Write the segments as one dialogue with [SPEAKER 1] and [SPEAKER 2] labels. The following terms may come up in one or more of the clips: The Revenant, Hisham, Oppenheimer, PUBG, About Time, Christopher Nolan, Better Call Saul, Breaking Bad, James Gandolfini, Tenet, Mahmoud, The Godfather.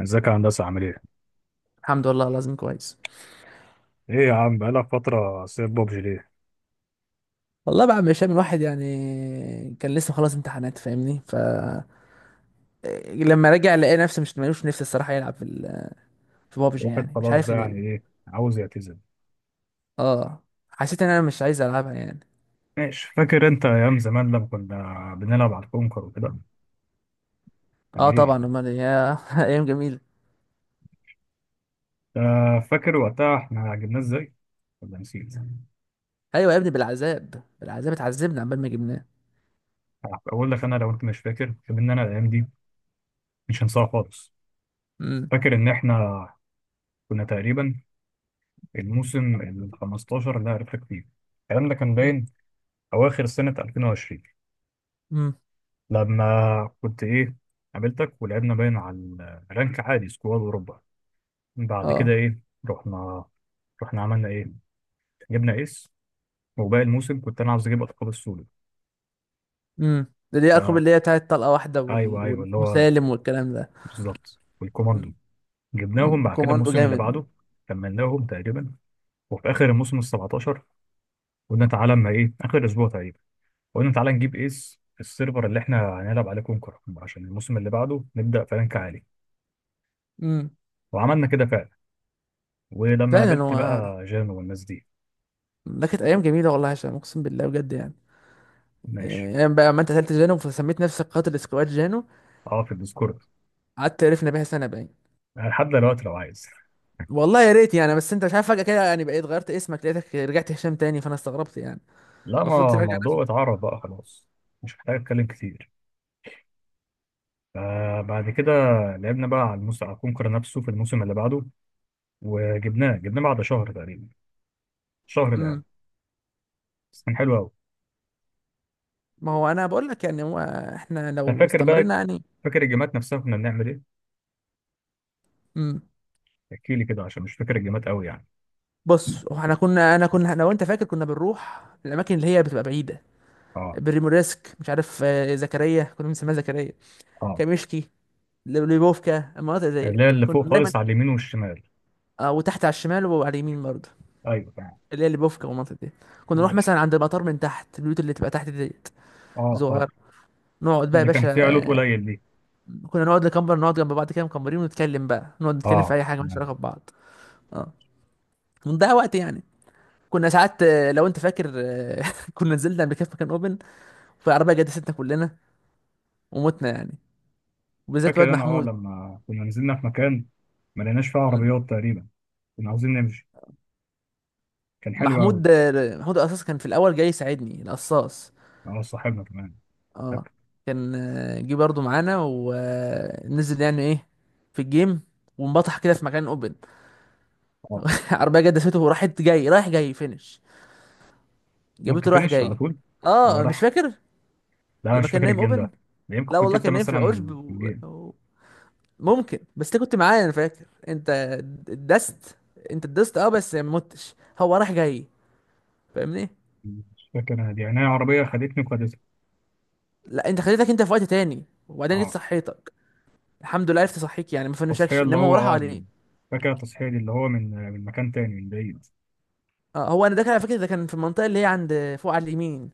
[SPEAKER 1] ازيك يا هندسة عامل ايه؟
[SPEAKER 2] الحمد لله، لازم كويس.
[SPEAKER 1] ايه يا عم بقالك فترة سايب بابجي ليه؟
[SPEAKER 2] والله بقى مش من واحد يعني. كان لسه خلاص امتحانات فاهمني. لما رجع لقى نفسي مش ملوش نفسي الصراحه يلعب في في بابجي
[SPEAKER 1] الواحد
[SPEAKER 2] يعني مش
[SPEAKER 1] خلاص
[SPEAKER 2] عارف
[SPEAKER 1] بقى
[SPEAKER 2] ليه.
[SPEAKER 1] يعني ايه، عاوز يعتزل؟
[SPEAKER 2] اه، حسيت ان انا مش عايز العبها يعني.
[SPEAKER 1] ماشي. فاكر انت ايام زمان لما كنا بنلعب على الكونكر وكده؟ يعني
[SPEAKER 2] اه طبعا،
[SPEAKER 1] ايه؟
[SPEAKER 2] امال إيه؟ يا ايام جميله.
[SPEAKER 1] آه، فاكر وقتها احنا جبناه ازاي؟ ولا نسيت؟
[SPEAKER 2] ايوه يا ابني، بالعذاب بالعذاب اتعذبنا عبال ما جبناه.
[SPEAKER 1] اقول لك انا، لو انت مش فاكر، ان انا الايام دي مش هنساها خالص.
[SPEAKER 2] امم.
[SPEAKER 1] فاكر ان احنا كنا تقريبا الموسم ال 15 اللي أنا عرفتك فيه. الكلام ده كان باين اواخر سنة 2020.
[SPEAKER 2] امم.
[SPEAKER 1] لما كنت ايه، قابلتك ولعبنا باين على الرانك عادي سكواد اوروبا. بعد كده
[SPEAKER 2] اه،
[SPEAKER 1] ايه، رحنا رحنا عملنا ايه، جبنا ايس. وباقي الموسم كنت انا عاوز اجيب القاب السولو.
[SPEAKER 2] امم. ده دي اقرب
[SPEAKER 1] فا
[SPEAKER 2] اللي هي بتاعت طلقه واحده
[SPEAKER 1] ايوه ايوه، اللي هو
[SPEAKER 2] والمسالم والكلام ده.
[SPEAKER 1] بالظبط
[SPEAKER 2] امم.
[SPEAKER 1] والكوماندو. جبناهم
[SPEAKER 2] أمم.
[SPEAKER 1] بعد كده
[SPEAKER 2] كوماندو
[SPEAKER 1] الموسم اللي
[SPEAKER 2] جامد.
[SPEAKER 1] بعده، كملناهم تقريبا. وفي اخر الموسم ال 17 قلنا تعالى اما ايه، اخر اسبوع تقريبا، قلنا تعالى نجيب ايس السيرفر اللي احنا هنلعب عليه كونكر، عشان الموسم اللي بعده نبدا في رانك عالي.
[SPEAKER 2] امم.
[SPEAKER 1] وعملنا كده فعلا، ولما
[SPEAKER 2] فعلا.
[SPEAKER 1] قابلت
[SPEAKER 2] هو
[SPEAKER 1] بقى جانو والناس دي.
[SPEAKER 2] ده كانت ايام جميله والله يا هشام، اقسم بالله بجد يعني.
[SPEAKER 1] ماشي.
[SPEAKER 2] يعني ايام بقى، ما انت قتلت جانو فسميت نفسك قاتل سكواد جانو،
[SPEAKER 1] اه، في الديسكورد
[SPEAKER 2] قعدت عرفنا بيها سنه باين.
[SPEAKER 1] لحد دلوقتي لو عايز.
[SPEAKER 2] والله يا ريت يعني، بس انت مش عارف فجاه كده يعني، بقيت غيرت اسمك لقيتك رجعت هشام تاني فانا استغربت يعني.
[SPEAKER 1] لا،
[SPEAKER 2] المفروض
[SPEAKER 1] ما
[SPEAKER 2] تراجع
[SPEAKER 1] الموضوع
[SPEAKER 2] نفسك.
[SPEAKER 1] اتعرف بقى خلاص، مش محتاج اتكلم كتير. فبعد كده لعبنا بقى على الموسم، على كونكر نفسه في الموسم اللي بعده، وجبناه. جبناه بعد شهر تقريبا، شهر لعب
[SPEAKER 2] امم.
[SPEAKER 1] بس، كان حلو قوي.
[SPEAKER 2] ما هو انا بقول لك يعني، هو احنا
[SPEAKER 1] انت
[SPEAKER 2] لو
[SPEAKER 1] فاكر بقى؟
[SPEAKER 2] استمرنا يعني.
[SPEAKER 1] فاكر الجيمات نفسها كنا بنعمل ايه؟
[SPEAKER 2] امم.
[SPEAKER 1] احكي لي كده عشان مش فاكر الجيمات قوي يعني.
[SPEAKER 2] بص، هو احنا كنا، انا كنا لو انت فاكر كنا بنروح الاماكن اللي هي بتبقى بعيده.
[SPEAKER 1] اه
[SPEAKER 2] بريموريسك مش عارف، زكريا كنا بنسميها زكريا.
[SPEAKER 1] اه،
[SPEAKER 2] كاميشكي، ليبوفكا، المناطق
[SPEAKER 1] اللي هي
[SPEAKER 2] ديت
[SPEAKER 1] اللي فوق
[SPEAKER 2] كنا دايما.
[SPEAKER 1] خالص على اليمين والشمال.
[SPEAKER 2] اه، وتحت على الشمال وعلى اليمين برضه.
[SPEAKER 1] ايوه تمام.
[SPEAKER 2] اللي هي اللي بوفكا والمنطقة دي، كنا نروح
[SPEAKER 1] ماشي،
[SPEAKER 2] مثلا عند المطار من تحت البيوت اللي تبقى تحت ديت
[SPEAKER 1] اه خالص.
[SPEAKER 2] صغيرة. نقعد بقى يا
[SPEAKER 1] اللي كان
[SPEAKER 2] باشا.
[SPEAKER 1] فيها لوت
[SPEAKER 2] آه،
[SPEAKER 1] قليل دي.
[SPEAKER 2] كنا نقعد نكمبر، نقعد جنب بعض كده مكمبرين ونتكلم بقى، نقعد نتكلم في
[SPEAKER 1] اه
[SPEAKER 2] أي حاجة مالهاش علاقة ببعض. اه. ونضيع وقت يعني. كنا ساعات لو أنت فاكر، كنا نزلنا قبل كده في مكان أوبن، فالعربية جدستنا كلنا ومتنا يعني. وبالذات واد
[SPEAKER 1] فاكر انا، اه
[SPEAKER 2] محمود.
[SPEAKER 1] لما كنا نزلنا في مكان ما لقيناش فيه
[SPEAKER 2] م.
[SPEAKER 1] عربيات تقريبا، كنا عاوزين نمشي، كان حلو قوي.
[SPEAKER 2] محمود القصاص كان في الأول جاي يساعدني، القصاص.
[SPEAKER 1] اه صاحبنا كمان.
[SPEAKER 2] اه.
[SPEAKER 1] فاكر.
[SPEAKER 2] كان جه برضو معانا ونزل يعني ايه في الجيم، وانبطح كده في مكان اوبن.
[SPEAKER 1] اه
[SPEAKER 2] عربيه جت دسته وراحت، جاي رايح جاي فينش،
[SPEAKER 1] ممكن
[SPEAKER 2] جابته رايح
[SPEAKER 1] فينش على
[SPEAKER 2] جاي.
[SPEAKER 1] طول. اه
[SPEAKER 2] اه مش
[SPEAKER 1] راح.
[SPEAKER 2] فاكر.
[SPEAKER 1] لا
[SPEAKER 2] لما
[SPEAKER 1] مش
[SPEAKER 2] كان
[SPEAKER 1] فاكر
[SPEAKER 2] نايم
[SPEAKER 1] الجيم
[SPEAKER 2] اوبن.
[SPEAKER 1] ده، ده يمكن
[SPEAKER 2] لا
[SPEAKER 1] كنت
[SPEAKER 2] والله
[SPEAKER 1] انت
[SPEAKER 2] كان نايم في العشب
[SPEAKER 1] مثلا في الجيم.
[SPEAKER 2] ممكن. بس انت كنت معايا انا فاكر، انت دست. انت دست اه، بس ما متش، هو رايح جاي فاهمني.
[SPEAKER 1] مش فاكر انا دي، يعني انا عربيه خدتني وخدتها.
[SPEAKER 2] لا انت خليتك انت في وقت تاني وبعدين جيت
[SPEAKER 1] اه،
[SPEAKER 2] صحيتك. الحمد لله عرفت اصحيك يعني، ما
[SPEAKER 1] التصحيح
[SPEAKER 2] فنشكش
[SPEAKER 1] اللي
[SPEAKER 2] انما هو
[SPEAKER 1] هو
[SPEAKER 2] راح
[SPEAKER 1] اه
[SPEAKER 2] عليك.
[SPEAKER 1] فاكر التصحيح دي اللي هو من مكان تاني من بعيد.
[SPEAKER 2] اه هو انا ده كان على فكره، ده كان في المنطقه اللي هي عند فوق على اليمين،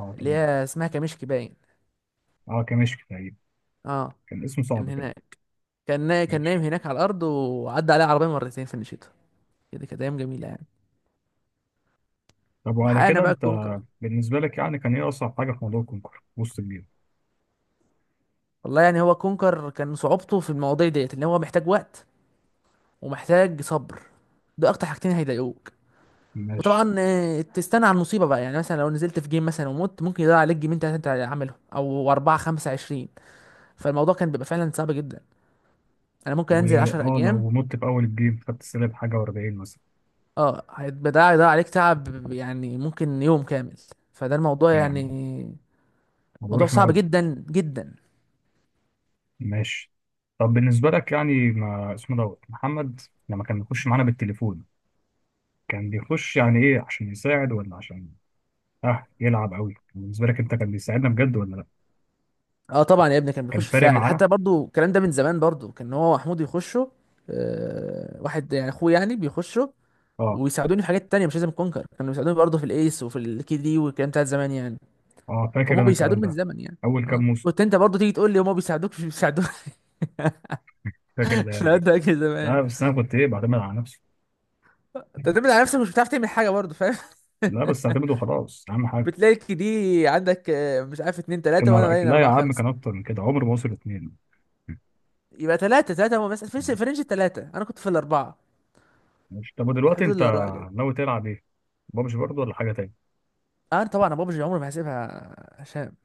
[SPEAKER 1] اه
[SPEAKER 2] اللي
[SPEAKER 1] تمام.
[SPEAKER 2] هي اسمها كمشك باين.
[SPEAKER 1] اه كمشك تقريبا،
[SPEAKER 2] اه
[SPEAKER 1] كان اسمه
[SPEAKER 2] كان
[SPEAKER 1] صعب كده.
[SPEAKER 2] هناك. كان نايم
[SPEAKER 1] ماشي.
[SPEAKER 2] هناك على الارض وعدى عليه عربيه مرتين في الشتاء. كده كانت ايام جميله يعني.
[SPEAKER 1] طب وعلى
[SPEAKER 2] وحققنا
[SPEAKER 1] كده
[SPEAKER 2] بقى
[SPEAKER 1] انت
[SPEAKER 2] الكونكر.
[SPEAKER 1] بالنسبه لك يعني كان ايه اصعب حاجه في موضوع الكونكور وسط الجيم؟
[SPEAKER 2] والله يعني، هو كونكر كان صعوبته في المواضيع ديت ان هو محتاج وقت ومحتاج صبر. ده اكتر حاجتين هيضايقوك.
[SPEAKER 1] ماشي.
[SPEAKER 2] وطبعا تستنى على المصيبه بقى يعني. مثلا لو نزلت في جيم مثلا ومت، ممكن يضيع عليك جيمين تلاته انت عاملهم او اربعه خمسه عشرين. فالموضوع كان بيبقى فعلا صعب جدا. انا ممكن انزل 10
[SPEAKER 1] واه
[SPEAKER 2] اجيام.
[SPEAKER 1] لو مت في اول الجيم خدت سالب حاجه و40 مثلا.
[SPEAKER 2] اه هيبقى ده، هيضيع عليك تعب يعني ممكن يوم كامل. فده الموضوع
[SPEAKER 1] فاهم.
[SPEAKER 2] يعني.
[SPEAKER 1] الموضوع
[SPEAKER 2] موضوع
[SPEAKER 1] رخم
[SPEAKER 2] صعب
[SPEAKER 1] قوي.
[SPEAKER 2] جدا جدا.
[SPEAKER 1] ماشي. طب بالنسبه لك يعني ما اسمه دوت محمد لما كان بيخش معانا بالتليفون، كان بيخش يعني ايه، عشان يساعد ولا عشان اه يلعب قوي؟ بالنسبه لك انت كان بيساعدنا بجد ولا لا؟
[SPEAKER 2] اه طبعا يا ابني، كان
[SPEAKER 1] كان
[SPEAKER 2] بيخش في
[SPEAKER 1] فارق
[SPEAKER 2] ساعد.
[SPEAKER 1] معانا؟
[SPEAKER 2] حتى برضو الكلام ده من زمان برضو، كان هو محمود يخشوا. واحد يعني اخوه، يعني بيخشوا
[SPEAKER 1] اه.
[SPEAKER 2] ويساعدوني في حاجات تانية مش لازم كونكر. كانوا بيساعدوني برضو في الايس وفي الكي دي والكلام بتاع زمان يعني.
[SPEAKER 1] اه، فاكر
[SPEAKER 2] فهم
[SPEAKER 1] انا الكلام
[SPEAKER 2] بيساعدوني من
[SPEAKER 1] ده
[SPEAKER 2] زمن يعني.
[SPEAKER 1] اول كام
[SPEAKER 2] اه
[SPEAKER 1] موسم.
[SPEAKER 2] كنت انت برضو تيجي تقول لي هما بيساعدوك مش بيساعدوك.
[SPEAKER 1] فاكر الايام
[SPEAKER 2] لا
[SPEAKER 1] دي.
[SPEAKER 2] ده كده زمان.
[SPEAKER 1] لا بس انا كنت ايه، بعتمد على نفسي.
[SPEAKER 2] انت تعتمد على نفسك مش بتعرف تعمل حاجه برضو فاهم.
[SPEAKER 1] لا بس اعتمد وخلاص اهم حاجه.
[SPEAKER 2] بتلاقي دي عندك مش عارف، اتنين تلاتة وانا
[SPEAKER 1] كان
[SPEAKER 2] باين
[SPEAKER 1] لا يا
[SPEAKER 2] اربعة
[SPEAKER 1] عم،
[SPEAKER 2] خمسة.
[SPEAKER 1] كان اكتر من كده عمر ما وصل 2.
[SPEAKER 2] يبقى تلاتة تلاتة، بس في رينج التلاتة انا كنت في الاربعة.
[SPEAKER 1] ماشي. طب
[SPEAKER 2] في
[SPEAKER 1] ودلوقتي
[SPEAKER 2] حدود
[SPEAKER 1] انت
[SPEAKER 2] الاربعة كده.
[SPEAKER 1] ناوي تلعب ايه؟ بابجي برضه ولا حاجه تاني؟
[SPEAKER 2] انا طبعا بابجي عمري ما هسيبها. هشام،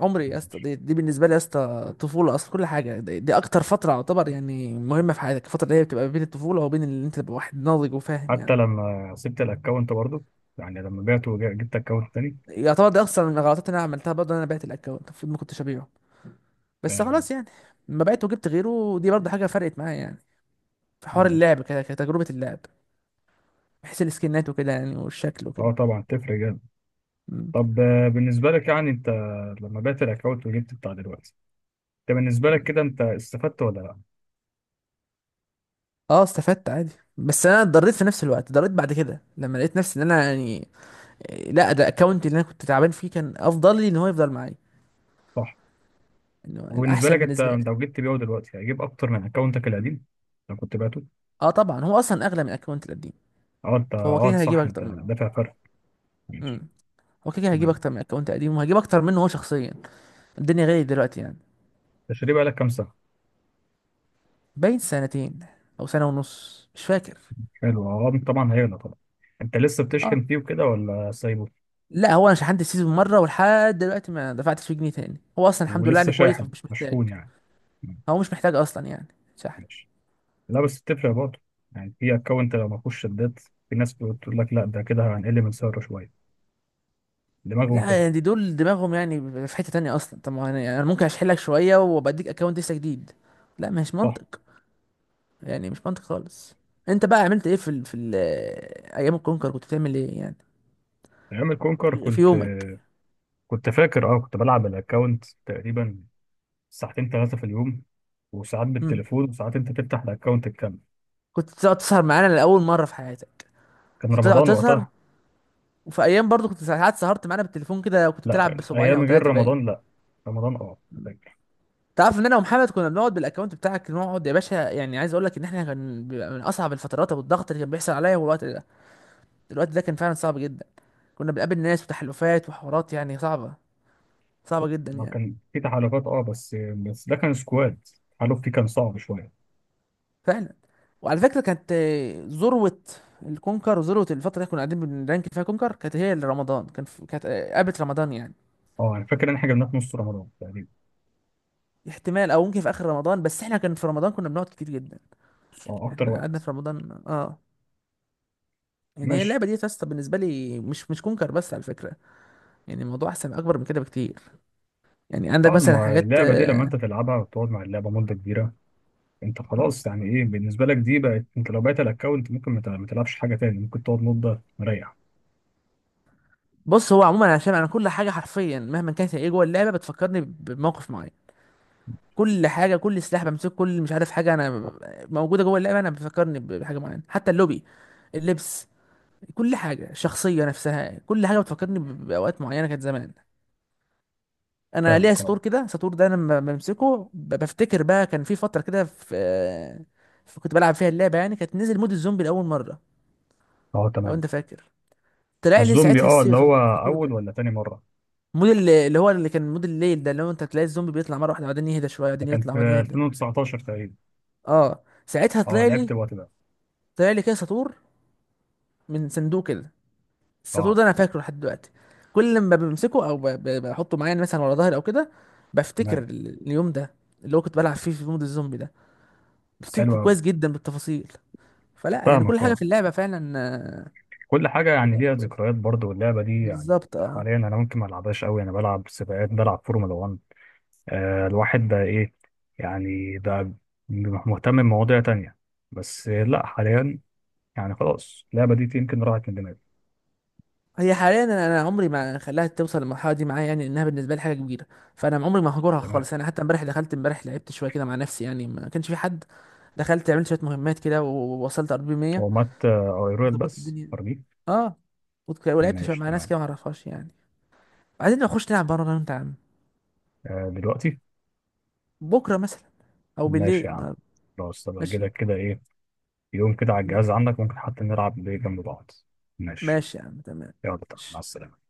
[SPEAKER 2] عمري يا اسطى،
[SPEAKER 1] ماشي.
[SPEAKER 2] دي بالنسبة لي يا اسطى طفولة اصلا. كل حاجة دي اكتر فترة يعتبر يعني مهمة في حياتك، الفترة اللي هي بتبقى بين الطفولة وبين اللي انت تبقى واحد ناضج وفاهم يعني.
[SPEAKER 1] حتى لما سبت الاكونت برضه، يعني لما بعته وجبت اكونت تاني.
[SPEAKER 2] يعتبر ده اصلا من الغلطات اللي انا عملتها برضه، إن انا بعت الاكونت، المفروض ما كنتش ابيعه، بس
[SPEAKER 1] آم،
[SPEAKER 2] خلاص يعني. لما بعته وجبت غيره دي برضه حاجة فرقت معايا يعني، في حوار
[SPEAKER 1] ماشي.
[SPEAKER 2] اللعب كده، كتجربة اللعب، بحيث السكنات وكده يعني والشكل وكده.
[SPEAKER 1] اه طبعا تفرق جامد.
[SPEAKER 2] مم.
[SPEAKER 1] طب بالنسبه لك يعني انت لما بعت الاكونت وجبت بتاع دلوقتي، انت بالنسبه لك
[SPEAKER 2] مم.
[SPEAKER 1] كده، انت استفدت ولا لا؟
[SPEAKER 2] اه استفدت عادي. بس انا اتضريت في نفس الوقت، اتضريت بعد كده لما لقيت نفسي ان انا يعني لا ده الاكونت اللي انا كنت تعبان فيه كان افضل لي ان هو يفضل معايا،
[SPEAKER 1] صح.
[SPEAKER 2] انه
[SPEAKER 1] وبالنسبه
[SPEAKER 2] الاحسن
[SPEAKER 1] لك، انت
[SPEAKER 2] بالنسبه
[SPEAKER 1] انت
[SPEAKER 2] لي.
[SPEAKER 1] لو جبت بيعه دلوقتي هيجيب اكتر من اكونتك القديم لو كنت بعته.
[SPEAKER 2] اه طبعا هو اصلا اغلى من الاكونت القديم،
[SPEAKER 1] اه، انت
[SPEAKER 2] فهو كده
[SPEAKER 1] اه
[SPEAKER 2] كده هيجيب
[SPEAKER 1] صح، انت
[SPEAKER 2] اكتر منه.
[SPEAKER 1] دافع فرق. ماشي
[SPEAKER 2] امم. هو كده كده هيجيب
[SPEAKER 1] تمام.
[SPEAKER 2] اكتر من الاكونت القديم وهجيب اكتر منه هو شخصيا. الدنيا غالية دلوقتي يعني.
[SPEAKER 1] تشتريه بقالك كام سنه؟
[SPEAKER 2] باين سنتين او سنه ونص مش فاكر.
[SPEAKER 1] حلو، اه طبعا هيغلى طبعا. انت لسه
[SPEAKER 2] اه.
[SPEAKER 1] بتشحن فيه وكده ولا سايبه؟
[SPEAKER 2] لا هو انا شحنت السيزون مره ولحد دلوقتي ما دفعتش فيه جنيه تاني. هو اصلا الحمد لله يعني
[SPEAKER 1] ولسه
[SPEAKER 2] كويس،
[SPEAKER 1] شاحن
[SPEAKER 2] مش محتاج.
[SPEAKER 1] مشحون يعني؟ مم،
[SPEAKER 2] هو مش محتاج اصلا يعني شحن.
[SPEAKER 1] ماشي. لا بس بتفرق برضه، يعني في اكونت لو ما فيهوش شدات، في ناس بتقول لك لا ده كده هنقل من سعره شويه، دماغهم
[SPEAKER 2] لا
[SPEAKER 1] كده.
[SPEAKER 2] يعني دي دول دماغهم يعني في حتة تانية اصلا. طب ما انا يعني، انا ممكن اشحن لك شوية وبديك اكونت لسه جديد. لا، مش
[SPEAKER 1] صح.
[SPEAKER 2] منطق. يعني مش منطق خالص. انت بقى عملت ايه في ال ايام الكونكر؟ كنت بتعمل ايه يعني
[SPEAKER 1] ايام الكونكر
[SPEAKER 2] في
[SPEAKER 1] كنت
[SPEAKER 2] يومك؟
[SPEAKER 1] كنت فاكر، اه كنت بلعب الاكونت تقريبا ساعتين 3 في اليوم، وساعات
[SPEAKER 2] مم.
[SPEAKER 1] بالتليفون، وساعات انت تفتح الاكونت الكامل.
[SPEAKER 2] كنت تقعد تسهر معانا لاول مرة في حياتك.
[SPEAKER 1] كان
[SPEAKER 2] كنت تقعد
[SPEAKER 1] رمضان
[SPEAKER 2] تسهر،
[SPEAKER 1] وقتها.
[SPEAKER 2] وفي ايام برضو كنت ساعات سهرت معانا بالتليفون كده وكنت
[SPEAKER 1] لا
[SPEAKER 2] بتلعب بصباعين
[SPEAKER 1] ايام
[SPEAKER 2] او
[SPEAKER 1] غير
[SPEAKER 2] ثلاثة باين.
[SPEAKER 1] رمضان لا، رمضان اه.
[SPEAKER 2] تعرف ان انا ومحمد كنا بنقعد بالاكونت بتاعك نقعد يا باشا، يعني عايز اقول لك ان احنا كان بيبقى من اصعب الفترات، والضغط اللي كان بيحصل عليا هو الوقت ده. الوقت ده كان فعلا صعب جدا. كنا بنقابل ناس وتحالفات وحوارات يعني صعبة، صعبة جدا
[SPEAKER 1] هو
[SPEAKER 2] يعني.
[SPEAKER 1] كان في تحالفات اه، بس ده كان سكواد، التحالف فيه كان صعب شويه.
[SPEAKER 2] فعلا. وعلى فكرة، كانت ذروة الكونكر وذروة الفترة اللي كنا قاعدين بنرانك فيها كونكر، كانت هي اللي رمضان كان في... كانت قبل رمضان يعني.
[SPEAKER 1] اه انا فاكر ان احنا جبناه في نص رمضان تقريبا.
[SPEAKER 2] احتمال، او ممكن في اخر رمضان، بس احنا كان في رمضان كنا بنقعد كتير جدا.
[SPEAKER 1] اه اكتر
[SPEAKER 2] احنا قعدنا
[SPEAKER 1] وقت.
[SPEAKER 2] في رمضان اه. يعني هي
[SPEAKER 1] ماشي.
[SPEAKER 2] اللعبة دي يا اسطى بالنسبة لي مش كونكر بس على فكرة. يعني الموضوع احسن اكبر من كده بكتير. يعني عندك
[SPEAKER 1] اه،
[SPEAKER 2] مثلا
[SPEAKER 1] ما
[SPEAKER 2] حاجات
[SPEAKER 1] اللعبه دي لما انت تلعبها وتقعد مع اللعبه مده كبيره، انت خلاص يعني ايه بالنسبه لك دي بقت، انت لو بعت الاكونت ممكن ما تلعبش حاجه تاني، ممكن تقعد مده مريح.
[SPEAKER 2] بص هو عموما عشان انا كل حاجه حرفيا مهما كانت هي ايه جوه اللعبه بتفكرني بموقف معين. كل حاجه، كل سلاح بمسكه، كل مش عارف حاجه انا موجوده جوه اللعبه، انا بتفكرني بحاجه معينه. حتى اللوبي، اللبس، كل حاجه، الشخصيه نفسها، كل حاجه بتفكرني باوقات معينه كانت زمان. انا ليا
[SPEAKER 1] فاهمك اه.
[SPEAKER 2] سطور كده، سطور ده انا لما بمسكه بفتكر بقى كان في فتره كده كنت بلعب فيها اللعبه يعني، كانت نزل مود الزومبي لاول مره.
[SPEAKER 1] اه
[SPEAKER 2] لو
[SPEAKER 1] تمام.
[SPEAKER 2] انت فاكر، طلع لي
[SPEAKER 1] الزومبي
[SPEAKER 2] ساعتها
[SPEAKER 1] اه، اللي هو
[SPEAKER 2] السطور
[SPEAKER 1] اول
[SPEAKER 2] ده.
[SPEAKER 1] ولا تاني مره؟
[SPEAKER 2] مود اللي هو اللي كان مود الليل ده، اللي هو انت تلاقي الزومبي بيطلع مره واحده بعدين يهدى شويه
[SPEAKER 1] ده
[SPEAKER 2] بعدين
[SPEAKER 1] كان
[SPEAKER 2] يطلع
[SPEAKER 1] في
[SPEAKER 2] بعدين يهدى.
[SPEAKER 1] 2019 تقريبا.
[SPEAKER 2] اه ساعتها
[SPEAKER 1] اه
[SPEAKER 2] طلع
[SPEAKER 1] لعبت
[SPEAKER 2] لي،
[SPEAKER 1] الوقت ده.
[SPEAKER 2] كده سطور من صندوق كده. السطور
[SPEAKER 1] اه
[SPEAKER 2] ده انا فاكره لحد دلوقتي. كل ما بمسكه او بحطه معايا يعني مثلا ورا ظهري او كده، بفتكر
[SPEAKER 1] تمام.
[SPEAKER 2] اليوم ده اللي هو كنت بلعب فيه في مود الزومبي ده،
[SPEAKER 1] بس حلو
[SPEAKER 2] بفتكره
[SPEAKER 1] قوي.
[SPEAKER 2] كويس جدا بالتفاصيل. فلا يعني كل
[SPEAKER 1] فاهمك
[SPEAKER 2] حاجه في
[SPEAKER 1] اه.
[SPEAKER 2] اللعبه فعلا
[SPEAKER 1] كل حاجة
[SPEAKER 2] في
[SPEAKER 1] يعني
[SPEAKER 2] اللعبه
[SPEAKER 1] ليها
[SPEAKER 2] كويس
[SPEAKER 1] ذكريات برضه، واللعبة دي يعني
[SPEAKER 2] بالظبط اه.
[SPEAKER 1] حاليا أنا ممكن ما ألعبهاش أوي، أنا بلعب سباقات، بلعب فورمولا 1. آه الواحد بقى إيه، يعني بقى مهتم بمواضيع تانية. بس لأ حاليا يعني خلاص اللعبة دي يمكن راحت من دماغي.
[SPEAKER 2] هي حاليا أنا عمري ما خلاها توصل للمرحله دي معايا يعني، انها بالنسبه لي حاجه كبيره. فانا عمري ما هجرها
[SPEAKER 1] تمام.
[SPEAKER 2] خالص. انا حتى امبارح دخلت، امبارح لعبت شويه كده مع نفسي يعني ما كانش في حد. دخلت عملت شويه مهمات كده ووصلت ار بي 100.
[SPEAKER 1] هو مات أويرويل
[SPEAKER 2] ظبطت
[SPEAKER 1] بس
[SPEAKER 2] الدنيا.
[SPEAKER 1] أرميه.
[SPEAKER 2] اه ولعبت شويه
[SPEAKER 1] ماشي
[SPEAKER 2] مع ناس
[SPEAKER 1] تمام.
[SPEAKER 2] كده ما اعرفهاش يعني. عايزين نخش نلعب بره انا وانت يا عم؟
[SPEAKER 1] آه دلوقتي.
[SPEAKER 2] بكره مثلا او بالليل
[SPEAKER 1] ماشي يا عم.
[SPEAKER 2] النهاردة.
[SPEAKER 1] خلاص طب
[SPEAKER 2] ماشي.
[SPEAKER 1] أجيلك كده إيه، يوم كده على الجهاز عندك، ممكن حتى نلعب بيه جنب بعض. ماشي.
[SPEAKER 2] ماشي يا عم تمام.
[SPEAKER 1] يلا. مع
[SPEAKER 2] ماشي.
[SPEAKER 1] السلامة.